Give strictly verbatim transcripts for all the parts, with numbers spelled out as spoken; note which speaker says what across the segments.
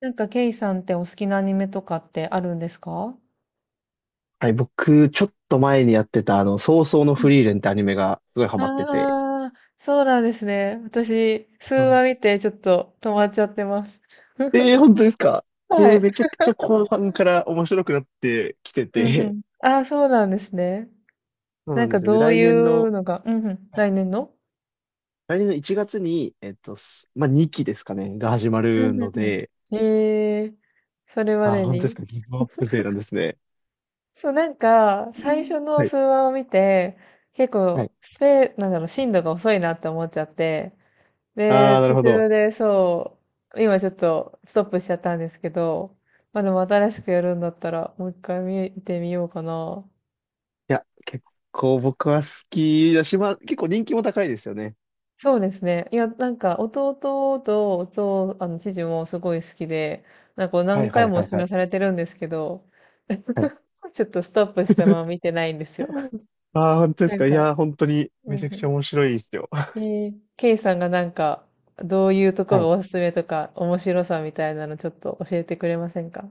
Speaker 1: なんか、ケイさんってお好きなアニメとかってあるんですか？
Speaker 2: はい、僕、ちょっと前にやってた、あの、早々の
Speaker 1: う
Speaker 2: フ
Speaker 1: ん。
Speaker 2: リーレンってアニメがすごいハマってて。
Speaker 1: ああー、そうなんですね。私、数
Speaker 2: うん。
Speaker 1: 話見てちょっと止まっちゃってます。
Speaker 2: えー、本当ですか？え
Speaker 1: は
Speaker 2: ー、
Speaker 1: い。
Speaker 2: めちゃくちゃ後半から面白くなってきて
Speaker 1: うんう
Speaker 2: て、
Speaker 1: ん。ああ、そうなんですね。
Speaker 2: そう
Speaker 1: な
Speaker 2: な
Speaker 1: ん
Speaker 2: んで
Speaker 1: か
Speaker 2: すよ。で、
Speaker 1: どう
Speaker 2: 来
Speaker 1: い
Speaker 2: 年
Speaker 1: う
Speaker 2: の、
Speaker 1: のが、うんうん、
Speaker 2: はい、
Speaker 1: 来年の。
Speaker 2: 来年のいちがつに、えっと、すまあ、にきですかね、が始ま
Speaker 1: う
Speaker 2: る
Speaker 1: んう
Speaker 2: の
Speaker 1: んう
Speaker 2: で、
Speaker 1: ん。へえ、それま
Speaker 2: あー、
Speaker 1: で
Speaker 2: 本当です
Speaker 1: に。
Speaker 2: か？ギブアップ勢なんですね。
Speaker 1: そう、なんか、
Speaker 2: う
Speaker 1: 最
Speaker 2: ん、
Speaker 1: 初の
Speaker 2: はい、
Speaker 1: 数話を見て、結
Speaker 2: は
Speaker 1: 構、
Speaker 2: い。
Speaker 1: スペ、なんだろう、進度が遅いなって思っちゃって、で、
Speaker 2: あー、なる
Speaker 1: 途
Speaker 2: ほ
Speaker 1: 中
Speaker 2: ど。
Speaker 1: でそう、今ちょっとストップしちゃったんですけど、まあでも新しくやるんだったらもう一回見てみようかな。
Speaker 2: いや、結構僕は好きだし、まあ、結構人気も高いですよね。
Speaker 1: そうですね。いや、なんか弟と弟、あの、父もすごい好きで、なんか
Speaker 2: は
Speaker 1: 何
Speaker 2: い、は
Speaker 1: 回
Speaker 2: い、
Speaker 1: もお
Speaker 2: はい、
Speaker 1: 勧
Speaker 2: は
Speaker 1: めさ
Speaker 2: い。
Speaker 1: れてるんですけど、
Speaker 2: はい。
Speaker 1: ちょっとストップしたまま見てないんですよ。
Speaker 2: ああ、本当です
Speaker 1: なん
Speaker 2: か。い
Speaker 1: か、
Speaker 2: やー、本当に
Speaker 1: う
Speaker 2: め
Speaker 1: ん
Speaker 2: ちゃく
Speaker 1: う
Speaker 2: ちゃ
Speaker 1: ん、
Speaker 2: 面白いですよ。
Speaker 1: え ー、ケイさんがなんか、どういうとこ
Speaker 2: は
Speaker 1: が
Speaker 2: い。
Speaker 1: おすすめとか、面白さみたいなのちょっと教えてくれませんか？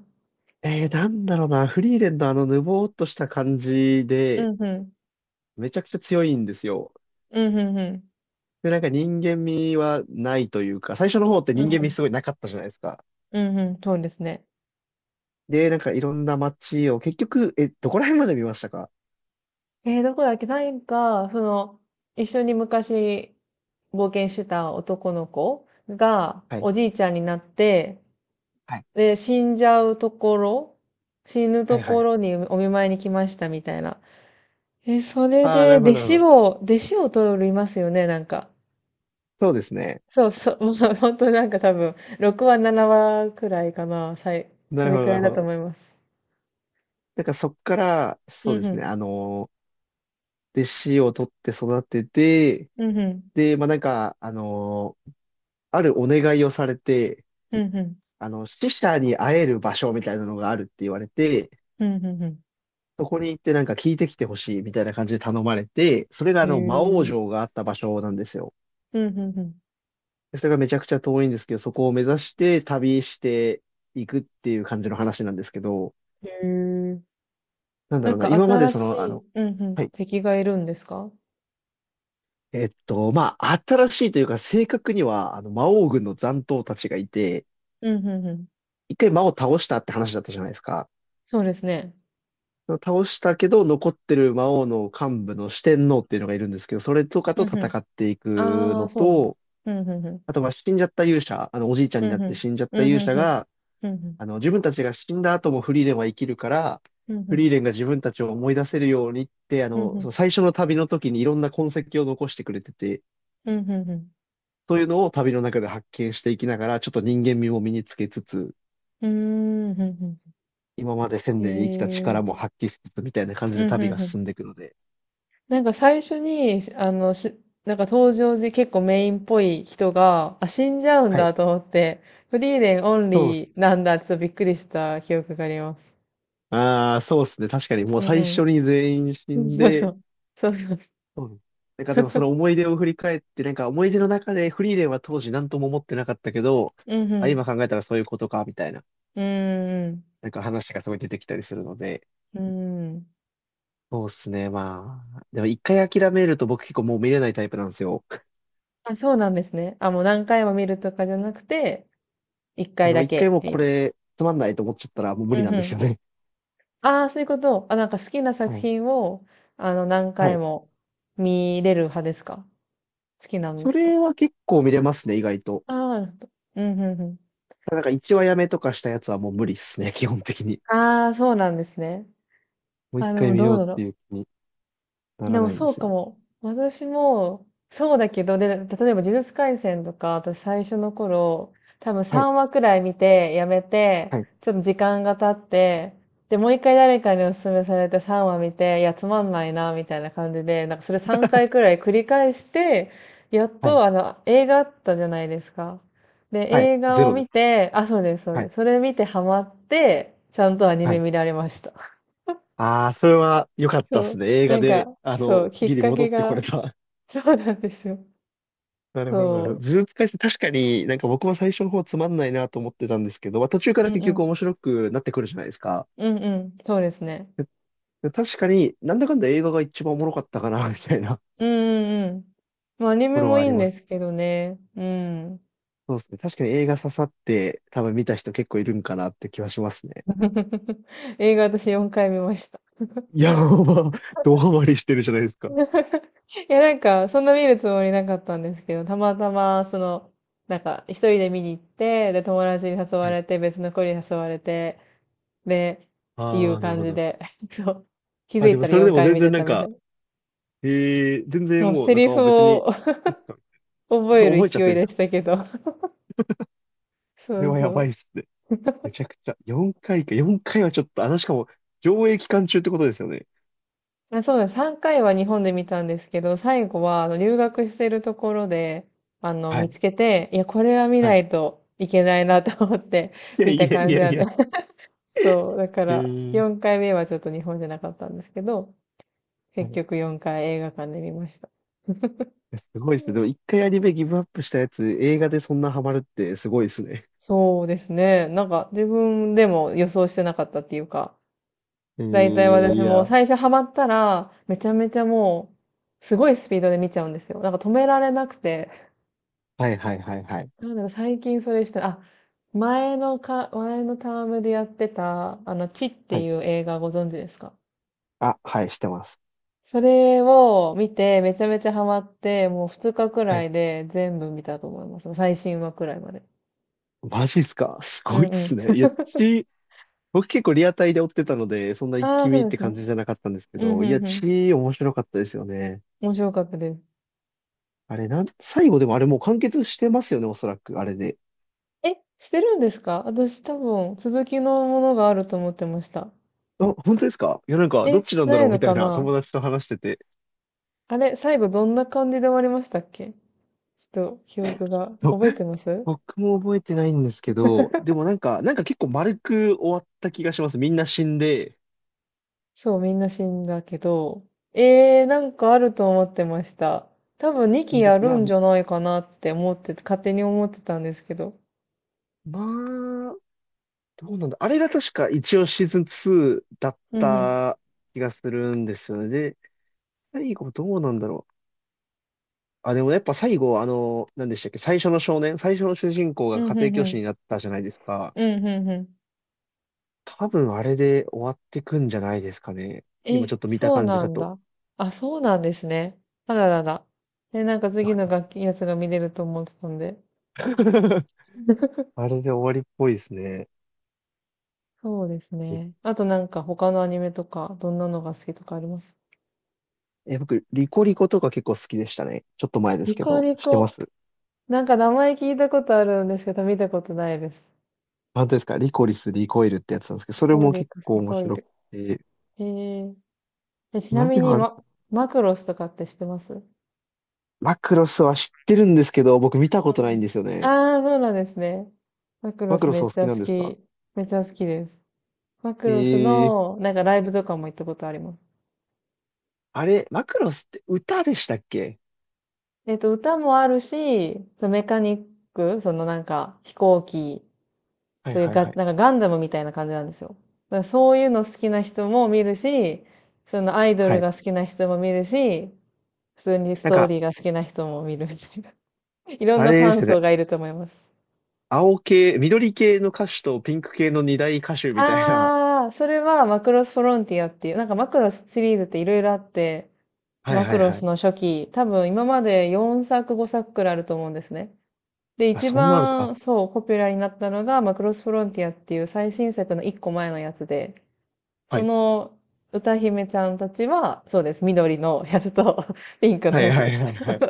Speaker 2: えー、なんだろうな。フリーレンのあのぬぼーっとした感じ
Speaker 1: う
Speaker 2: で、
Speaker 1: んうん。
Speaker 2: めちゃくちゃ強いんですよ。
Speaker 1: うんうんうん。
Speaker 2: で、なんか人間味はないというか、最初の方って
Speaker 1: う
Speaker 2: 人
Speaker 1: ん
Speaker 2: 間
Speaker 1: う
Speaker 2: 味
Speaker 1: ん。
Speaker 2: すごいなかったじゃないですか。
Speaker 1: うんうん。そうですね。
Speaker 2: で、なんかいろんな街を、結局、え、どこら辺まで見ましたか？
Speaker 1: えー、どこだっけなんか、その、一緒に昔冒険してた男の子が、
Speaker 2: はい、
Speaker 1: おじいちゃんになって、
Speaker 2: はい、
Speaker 1: で、死んじゃうところ、死ぬ
Speaker 2: は
Speaker 1: と
Speaker 2: い、は
Speaker 1: こ
Speaker 2: い。
Speaker 1: ろにお見舞いに来ましたみたいな。えー、それ
Speaker 2: ああ、な
Speaker 1: で、
Speaker 2: るほ
Speaker 1: 弟
Speaker 2: ど、なるほ
Speaker 1: 子
Speaker 2: ど。
Speaker 1: を、弟子を取りますよね、なんか。
Speaker 2: そうですね。
Speaker 1: そうそう、もう本当になんか多分、ろくわ、ななわくらいかな、さい、
Speaker 2: な
Speaker 1: そ
Speaker 2: る
Speaker 1: れ
Speaker 2: ほど、
Speaker 1: く
Speaker 2: な
Speaker 1: ら
Speaker 2: る
Speaker 1: い
Speaker 2: ほ
Speaker 1: だと
Speaker 2: ど。
Speaker 1: 思います。
Speaker 2: なんかそっから、そう
Speaker 1: う
Speaker 2: で
Speaker 1: んう
Speaker 2: す
Speaker 1: ん。
Speaker 2: ね、あのー弟子を取って育てて、
Speaker 1: うんうん。
Speaker 2: で、まあなんか、あのーあるお願いをされて、
Speaker 1: うんうん。
Speaker 2: あの、死者に会える場所みたいなのがあるって言われて、
Speaker 1: うんうんうん。
Speaker 2: そこに行ってなんか聞いてきてほしいみたいな感じで頼まれて、それが
Speaker 1: へ
Speaker 2: あの、魔王
Speaker 1: え。
Speaker 2: 城があった場所なんですよ。
Speaker 1: うん、うん、うん。
Speaker 2: でそれがめちゃくちゃ遠いんですけど、そこを目指して旅していくっていう感じの話なんですけど、
Speaker 1: へえ。
Speaker 2: なんだ
Speaker 1: な
Speaker 2: ろ
Speaker 1: ん
Speaker 2: うな、
Speaker 1: か
Speaker 2: 今まで
Speaker 1: 新
Speaker 2: そ
Speaker 1: し
Speaker 2: の、あ
Speaker 1: い、
Speaker 2: の、
Speaker 1: うん、う
Speaker 2: は
Speaker 1: ん、
Speaker 2: い。
Speaker 1: 敵がいるんですか？
Speaker 2: えっと、まあ、新しいというか、正確には、あの、魔王軍の残党たちがいて、
Speaker 1: うん、うん、うん。
Speaker 2: 一回魔王倒したって話だったじゃないですか。
Speaker 1: そうですね。
Speaker 2: 倒したけど残ってる魔王の幹部の四天王っていうのがいるんですけど、それとかと
Speaker 1: うん、う
Speaker 2: 戦
Speaker 1: ん。
Speaker 2: っていく
Speaker 1: あ
Speaker 2: の
Speaker 1: あ、そうなんだ。
Speaker 2: と、
Speaker 1: うん、うん、うん。
Speaker 2: あとは死んじゃった勇者、あのおじいちゃん
Speaker 1: う
Speaker 2: にな
Speaker 1: ん、
Speaker 2: っ
Speaker 1: う
Speaker 2: て
Speaker 1: ん。
Speaker 2: 死んじゃった
Speaker 1: うん、う
Speaker 2: 勇者
Speaker 1: ん、うん。
Speaker 2: が、あの自分たちが死んだ後もフリーレンは生きるから、
Speaker 1: うん、う
Speaker 2: フリ
Speaker 1: ん。
Speaker 2: ーレンが自分たちを思い出せるようにって、あ
Speaker 1: うん、う
Speaker 2: の、そ
Speaker 1: ん。
Speaker 2: の最初の旅の時にいろんな痕跡を残してくれてて、
Speaker 1: うん、うん。うん、うん。
Speaker 2: そういうのを旅の中で発見していきながら、ちょっと人間味も身につけつつ、
Speaker 1: うーん、ふん。ん
Speaker 2: 今まで千
Speaker 1: ふん
Speaker 2: 年生きた
Speaker 1: へえ。
Speaker 2: 力も発揮しつつみたいな感じで
Speaker 1: うん、
Speaker 2: 旅
Speaker 1: う
Speaker 2: が
Speaker 1: ん、うん。
Speaker 2: 進んでいくので、
Speaker 1: なんか最初に、あの、し、なんか登場で結構メインっぽい人が、あ、死んじゃうん
Speaker 2: はい。
Speaker 1: だと思って、フリーレンオン
Speaker 2: そう
Speaker 1: リーなんだってちょっとびっくりした記憶があります。
Speaker 2: ああ、そうですね。確かに、もう
Speaker 1: うんう
Speaker 2: 最初
Speaker 1: ん。
Speaker 2: に全員死
Speaker 1: うん、
Speaker 2: ん
Speaker 1: そうそ
Speaker 2: で、
Speaker 1: う。そうそう。
Speaker 2: うん、なんかでもその 思い出を振り返って、なんか思い出の中でフリーレンは当時何とも思ってなかったけど、
Speaker 1: うんう
Speaker 2: あ、今
Speaker 1: ん。
Speaker 2: 考えたらそういうことか、みたいな、
Speaker 1: うーん、
Speaker 2: なんか話がすごい出てきたりするので、
Speaker 1: うん。ーん。
Speaker 2: そうですね。まあ、でも一回諦めると僕結構もう見れないタイプなんですよ。
Speaker 1: あ、そうなんですね。あ、もう何回も見るとかじゃなくて、1
Speaker 2: で
Speaker 1: 回
Speaker 2: も
Speaker 1: だ
Speaker 2: 一回
Speaker 1: け
Speaker 2: もう
Speaker 1: 見
Speaker 2: こ
Speaker 1: る。
Speaker 2: れつまんないと思っちゃったらもう無理
Speaker 1: う
Speaker 2: な
Speaker 1: んう
Speaker 2: んです
Speaker 1: ん。
Speaker 2: よね。
Speaker 1: ああ、そういうこと。あ、なんか好きな
Speaker 2: は
Speaker 1: 作
Speaker 2: い。
Speaker 1: 品を、あの、何
Speaker 2: は
Speaker 1: 回
Speaker 2: い。
Speaker 1: も見れる派ですか？好きなん
Speaker 2: そ
Speaker 1: だ。
Speaker 2: れは結構見れますね、意外と。
Speaker 1: ああ、なるほど。うんうんうん。
Speaker 2: なんか一話やめとかしたやつはもう無理ですね、基本的に。
Speaker 1: ああ、そうなんですね。
Speaker 2: もう一
Speaker 1: あ、で
Speaker 2: 回
Speaker 1: も
Speaker 2: 見
Speaker 1: ど
Speaker 2: よ
Speaker 1: う
Speaker 2: うっ
Speaker 1: だろ
Speaker 2: て
Speaker 1: う。
Speaker 2: いう気に。な
Speaker 1: で
Speaker 2: ら
Speaker 1: も
Speaker 2: ないんで
Speaker 1: そう
Speaker 2: すよ
Speaker 1: か
Speaker 2: ね。
Speaker 1: も。私も、そうだけど、で、例えば呪術廻戦とか、私最初の頃、多分
Speaker 2: はい。
Speaker 1: さんわくらい見て、やめて、
Speaker 2: はい。
Speaker 1: ちょっと時間が経って、で、もう一回誰かにお勧めされてさんわ見て、いや、つまんないな、みたいな感じで、なんかそれさんかいく らい繰り返して、やっ
Speaker 2: はい。
Speaker 1: と、あの、映画あったじゃないですか。で、
Speaker 2: はい、
Speaker 1: 映画
Speaker 2: ゼ
Speaker 1: を
Speaker 2: ロで
Speaker 1: 見
Speaker 2: す。
Speaker 1: て、あ、そうです、そう
Speaker 2: は
Speaker 1: で
Speaker 2: い。
Speaker 1: す。それ見てハマって、ちゃんとアニ
Speaker 2: は
Speaker 1: メ
Speaker 2: い。
Speaker 1: 見られました。
Speaker 2: ああ、それは良かったで
Speaker 1: そ
Speaker 2: す
Speaker 1: う。
Speaker 2: ね。映
Speaker 1: な
Speaker 2: 画
Speaker 1: ん
Speaker 2: で、
Speaker 1: か、
Speaker 2: あ
Speaker 1: そ
Speaker 2: の、
Speaker 1: う、きっ
Speaker 2: ギリ
Speaker 1: か
Speaker 2: 戻
Speaker 1: け
Speaker 2: ってこ
Speaker 1: が
Speaker 2: れた。
Speaker 1: そうなんですよ。うん。
Speaker 2: なるほど、なるほ
Speaker 1: そ
Speaker 2: ど。ズーム使確かになんか僕も最初の方つまんないなと思ってたんですけど、まあ、途中か
Speaker 1: う。う
Speaker 2: ら
Speaker 1: ん
Speaker 2: 結
Speaker 1: う
Speaker 2: 局
Speaker 1: ん。
Speaker 2: 面白くなってくるじゃないですか。
Speaker 1: うんうん。そうですね。
Speaker 2: でで確かになんだかんだ映画が一番おもろかったかな、みたいなと
Speaker 1: うんうんうん。まあ、アニ
Speaker 2: こ
Speaker 1: メ
Speaker 2: ろ
Speaker 1: も
Speaker 2: はあ
Speaker 1: いい
Speaker 2: り
Speaker 1: ん
Speaker 2: ま
Speaker 1: で
Speaker 2: す。
Speaker 1: すけどね。うん。
Speaker 2: そうですね。確かに映画刺さって多分見た人結構いるんかなって気はしますね。
Speaker 1: 映画私よんかい見ました。
Speaker 2: いや、まあ、ドハマりしてるじゃないです か。
Speaker 1: いや、なんか、そんな見るつもりなかったんですけど、たまたま、その、なんか、一人で見に行って、で、友達に誘わ
Speaker 2: はい。
Speaker 1: れて、別の子に誘われて、で、い
Speaker 2: あ
Speaker 1: う
Speaker 2: あ、なる
Speaker 1: 感
Speaker 2: ほ
Speaker 1: じ
Speaker 2: ど。
Speaker 1: で、そう。気づ
Speaker 2: あ、で
Speaker 1: い
Speaker 2: も
Speaker 1: たら
Speaker 2: それで
Speaker 1: 4
Speaker 2: も
Speaker 1: 回
Speaker 2: 全
Speaker 1: 見て
Speaker 2: 然な
Speaker 1: た
Speaker 2: ん
Speaker 1: みたい
Speaker 2: か、
Speaker 1: な。
Speaker 2: ええ全
Speaker 1: も
Speaker 2: 然
Speaker 1: う
Speaker 2: もう
Speaker 1: セ
Speaker 2: なん
Speaker 1: リ
Speaker 2: か
Speaker 1: フ
Speaker 2: あ別に、
Speaker 1: を
Speaker 2: いっか、
Speaker 1: 覚 える
Speaker 2: 覚えちゃっ
Speaker 1: 勢
Speaker 2: て
Speaker 1: い
Speaker 2: るんです
Speaker 1: で
Speaker 2: か？
Speaker 1: したけど。
Speaker 2: そ
Speaker 1: そ
Speaker 2: れ
Speaker 1: う
Speaker 2: はや
Speaker 1: そ
Speaker 2: ば
Speaker 1: う。
Speaker 2: いっすね。めちゃくちゃ。よんかいかいか、よんかいはちょっと、あの、しかも、上映期間中ってことですよね。
Speaker 1: あそうです。さんかいは日本で見たんですけど、最後はあの留学してるところで、あの、
Speaker 2: は
Speaker 1: 見
Speaker 2: い、
Speaker 1: つけて、いや、これは見
Speaker 2: は
Speaker 1: な
Speaker 2: い。
Speaker 1: いといけないなと思って
Speaker 2: いや
Speaker 1: 見
Speaker 2: い
Speaker 1: た
Speaker 2: やい
Speaker 1: 感じ
Speaker 2: や
Speaker 1: な
Speaker 2: い
Speaker 1: んで。
Speaker 2: や、
Speaker 1: そう、だか
Speaker 2: え
Speaker 1: ら、
Speaker 2: ー、
Speaker 1: よんかいめはちょっと日本じゃなかったんですけど、
Speaker 2: は
Speaker 1: 結
Speaker 2: い。い
Speaker 1: 局よんかい映画館で見ました。
Speaker 2: やすごい
Speaker 1: う
Speaker 2: っすね。で
Speaker 1: ん
Speaker 2: も一回アニメギブアップしたやつ、映画でそんなハマるってすごいっすね。
Speaker 1: そうですね。なんか、自分でも予想してなかったっていうか、
Speaker 2: え
Speaker 1: だいたい
Speaker 2: ー
Speaker 1: 私
Speaker 2: い
Speaker 1: も
Speaker 2: や。
Speaker 1: 最初ハマったら、めちゃめちゃもう、すごいスピードで見ちゃうんですよ。なんか止められなくて、
Speaker 2: はい、はい、はい、はい。
Speaker 1: なんだろう、最近それした、あ、前のか、前のタームでやってた、あの、チっ
Speaker 2: は
Speaker 1: てい
Speaker 2: い。
Speaker 1: う映画ご存知ですか？
Speaker 2: あ、はい、してます。
Speaker 1: それを見て、めちゃめちゃハマって、もうふつかく
Speaker 2: は
Speaker 1: ら
Speaker 2: い。
Speaker 1: いで全部見たと思います。最新話くらいまで。
Speaker 2: マジっすか？ す
Speaker 1: う
Speaker 2: ごいっ
Speaker 1: んう
Speaker 2: す
Speaker 1: ん。
Speaker 2: ね。いや、私僕結構リアタイで追ってたので、そんな一
Speaker 1: ああ、
Speaker 2: 気
Speaker 1: そ
Speaker 2: 見っ
Speaker 1: うで
Speaker 2: て
Speaker 1: す
Speaker 2: 感
Speaker 1: ね。
Speaker 2: じじゃなかったんですけ
Speaker 1: うん
Speaker 2: ど、い
Speaker 1: う
Speaker 2: や、
Speaker 1: んう
Speaker 2: チ
Speaker 1: ん。
Speaker 2: ー面白かったですよね。
Speaker 1: 面白かったです。
Speaker 2: あれ、なん、最後でもあれもう完結してますよね、おそらく、あれで。
Speaker 1: え、してるんですか？私多分、続きのものがあると思ってました。
Speaker 2: あ、本当ですか？いや、なんか、どっ
Speaker 1: え、
Speaker 2: ちなんだ
Speaker 1: ない
Speaker 2: ろうみ
Speaker 1: の
Speaker 2: た
Speaker 1: か
Speaker 2: いな
Speaker 1: な？
Speaker 2: 友達と話してて。
Speaker 1: あれ、最後どんな感じで終わりましたっけ？ちょっと記憶 が、
Speaker 2: そう
Speaker 1: 覚えてます？
Speaker 2: 僕も覚えてないんですけど、でもなんか、なんか結構丸く終わった気がします。みんな死んで。
Speaker 1: そう、みんな死んだけど、えー、なんかあると思ってました。多分にき
Speaker 2: 本当で
Speaker 1: や
Speaker 2: す、い
Speaker 1: る
Speaker 2: や、
Speaker 1: ん
Speaker 2: ま
Speaker 1: じゃないかなって思ってて、勝手に思ってたんですけど。
Speaker 2: あ、どうなんだ。あれが確か一応シーズンつーだっ
Speaker 1: うんうん。
Speaker 2: た気がするんですよね。で、最後どうなんだろう。あ、でもやっぱ最後、あの、何でしたっけ、最初の少年、最初の主人公
Speaker 1: う
Speaker 2: が
Speaker 1: ん
Speaker 2: 家
Speaker 1: う
Speaker 2: 庭
Speaker 1: んう
Speaker 2: 教師
Speaker 1: ん。
Speaker 2: になったじゃないですか。
Speaker 1: うんうんうん。
Speaker 2: 多分あれで終わってくんじゃないですかね。今
Speaker 1: え、
Speaker 2: ちょっと見た
Speaker 1: そう
Speaker 2: 感じ
Speaker 1: な
Speaker 2: だ
Speaker 1: ん
Speaker 2: と。
Speaker 1: だ。あ、そうなんですね。あららら。え、なんか次の楽器やつが見れると思ってたんで。
Speaker 2: あれで終わりっぽいですね。
Speaker 1: そうですね。あとなんか他のアニメとか、どんなのが好きとかあります？
Speaker 2: え、僕、リコリコとか結構好きでしたね。ちょっと前です
Speaker 1: リ
Speaker 2: け
Speaker 1: コ
Speaker 2: ど、
Speaker 1: リ
Speaker 2: 知ってま
Speaker 1: コ。
Speaker 2: す？
Speaker 1: なんか名前聞いたことあるんですけど、見たことないです。
Speaker 2: 本当ですか？リコリス、リコイルってやつなんですけど、
Speaker 1: リ
Speaker 2: それ
Speaker 1: コ
Speaker 2: も
Speaker 1: リ
Speaker 2: 結
Speaker 1: コ、
Speaker 2: 構
Speaker 1: セ
Speaker 2: 面
Speaker 1: コイ
Speaker 2: 白く
Speaker 1: ル。
Speaker 2: て。
Speaker 1: へえ。え、ちな
Speaker 2: 何
Speaker 1: み
Speaker 2: が
Speaker 1: に、
Speaker 2: ある
Speaker 1: ま、
Speaker 2: か。
Speaker 1: マクロスとかって知ってます？うん
Speaker 2: マクロスは知ってるんですけど、僕見たこと
Speaker 1: う
Speaker 2: ないん
Speaker 1: ん。
Speaker 2: ですよね。
Speaker 1: ああー、そうなんですね。マクロ
Speaker 2: マク
Speaker 1: ス
Speaker 2: ロ
Speaker 1: め
Speaker 2: ス
Speaker 1: っ
Speaker 2: お好
Speaker 1: ちゃ
Speaker 2: きなん
Speaker 1: 好
Speaker 2: ですか？
Speaker 1: き。めっちゃ好きです。マクロス
Speaker 2: え、
Speaker 1: の、なんかライブとかも行ったことあります。
Speaker 2: あれ、マクロスって歌でしたっけ？
Speaker 1: えっと、歌もあるし、そのメカニック、そのなんか飛行機、
Speaker 2: はい、
Speaker 1: そういう
Speaker 2: はい、
Speaker 1: ガ、
Speaker 2: はい。
Speaker 1: なんかガンダムみたいな感じなんですよ。だからそういうの好きな人も見るし、そのアイド
Speaker 2: は
Speaker 1: ル
Speaker 2: い。
Speaker 1: が好きな人も見るし、普通にス
Speaker 2: なん
Speaker 1: トー
Speaker 2: か、
Speaker 1: リーが好きな人も見るみたいな。いろん
Speaker 2: あ
Speaker 1: なフ
Speaker 2: れで
Speaker 1: ァ
Speaker 2: す
Speaker 1: ン
Speaker 2: よね。
Speaker 1: 層がいると思います。
Speaker 2: 青系、緑系の歌手とピンク系の二大歌手みたいな。
Speaker 1: ああ、それはマクロスフロンティアっていう、なんかマクロスシリーズっていろいろあって、
Speaker 2: はい、
Speaker 1: マ
Speaker 2: は
Speaker 1: ク
Speaker 2: い、
Speaker 1: ロ
Speaker 2: は
Speaker 1: ス
Speaker 2: い。
Speaker 1: の初期、多分今までよんさくごさくくくらいあると思うんですね。で、
Speaker 2: あ、
Speaker 1: 一
Speaker 2: そんなのあるんです、あ、
Speaker 1: 番そう、ポピュラーになったのがマクロスフロンティアっていう最新作のいっこまえのやつで、
Speaker 2: は
Speaker 1: そ
Speaker 2: い。
Speaker 1: の歌姫ちゃんたちは、そうです、緑のやつと ピンクの
Speaker 2: はい、
Speaker 1: やつ
Speaker 2: は
Speaker 1: で
Speaker 2: い、は
Speaker 1: す。
Speaker 2: い、はい。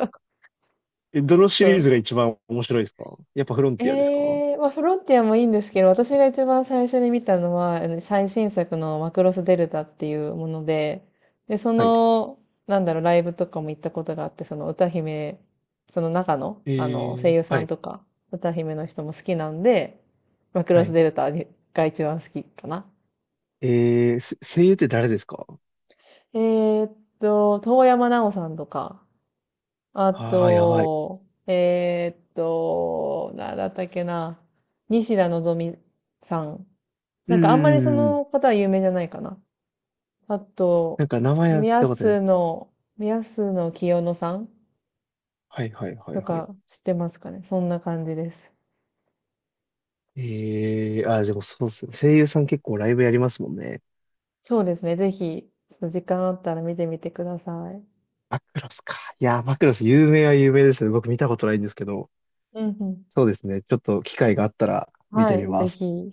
Speaker 2: え、どの シ
Speaker 1: そ
Speaker 2: リー
Speaker 1: う
Speaker 2: ズが一番面白いですか？やっぱフロンティアですか？
Speaker 1: ええまあ、フロンティアもいいんですけど、私が一番最初に見たのは、あの最新作のマクロスデルタっていうもので、で、そ
Speaker 2: はい。
Speaker 1: の、なんだろう、ライブとかも行ったことがあって、その歌姫、その中の、
Speaker 2: え
Speaker 1: あの、声
Speaker 2: ー、
Speaker 1: 優さ
Speaker 2: は
Speaker 1: ん
Speaker 2: い。
Speaker 1: とか、歌姫の人も好きなんで、マク
Speaker 2: は
Speaker 1: ロス
Speaker 2: い。
Speaker 1: デルタにが一番好きかな。
Speaker 2: えー、す声優って誰ですか？
Speaker 1: えーっと、遠山奈央さんとか、あ
Speaker 2: ああー、やばい。
Speaker 1: と、えーっと、なんだったっけな、西田のぞみさん
Speaker 2: う
Speaker 1: な
Speaker 2: ー
Speaker 1: んかあんまりそ
Speaker 2: ん。
Speaker 1: の方は有名じゃないかな。あと、
Speaker 2: なんか名前は聞い
Speaker 1: 宮
Speaker 2: たことありま
Speaker 1: 洲
Speaker 2: す。
Speaker 1: の、宮洲の清野さん
Speaker 2: はい、はい、はい、
Speaker 1: と
Speaker 2: はい。
Speaker 1: か知ってますかね。そんな感じです。
Speaker 2: えー、あー、でもそうですよ。声優さん結構ライブやりますもんね。
Speaker 1: そうですね。ぜひ、ちょっと時間あったら見てみてください。
Speaker 2: マクロスか。いやー、マクロス有名は有名ですね。僕見たことないんですけど。
Speaker 1: うんうん。
Speaker 2: そうですね。ちょっと機会があったら見て
Speaker 1: は
Speaker 2: み
Speaker 1: い、ぜ
Speaker 2: ます。
Speaker 1: ひ。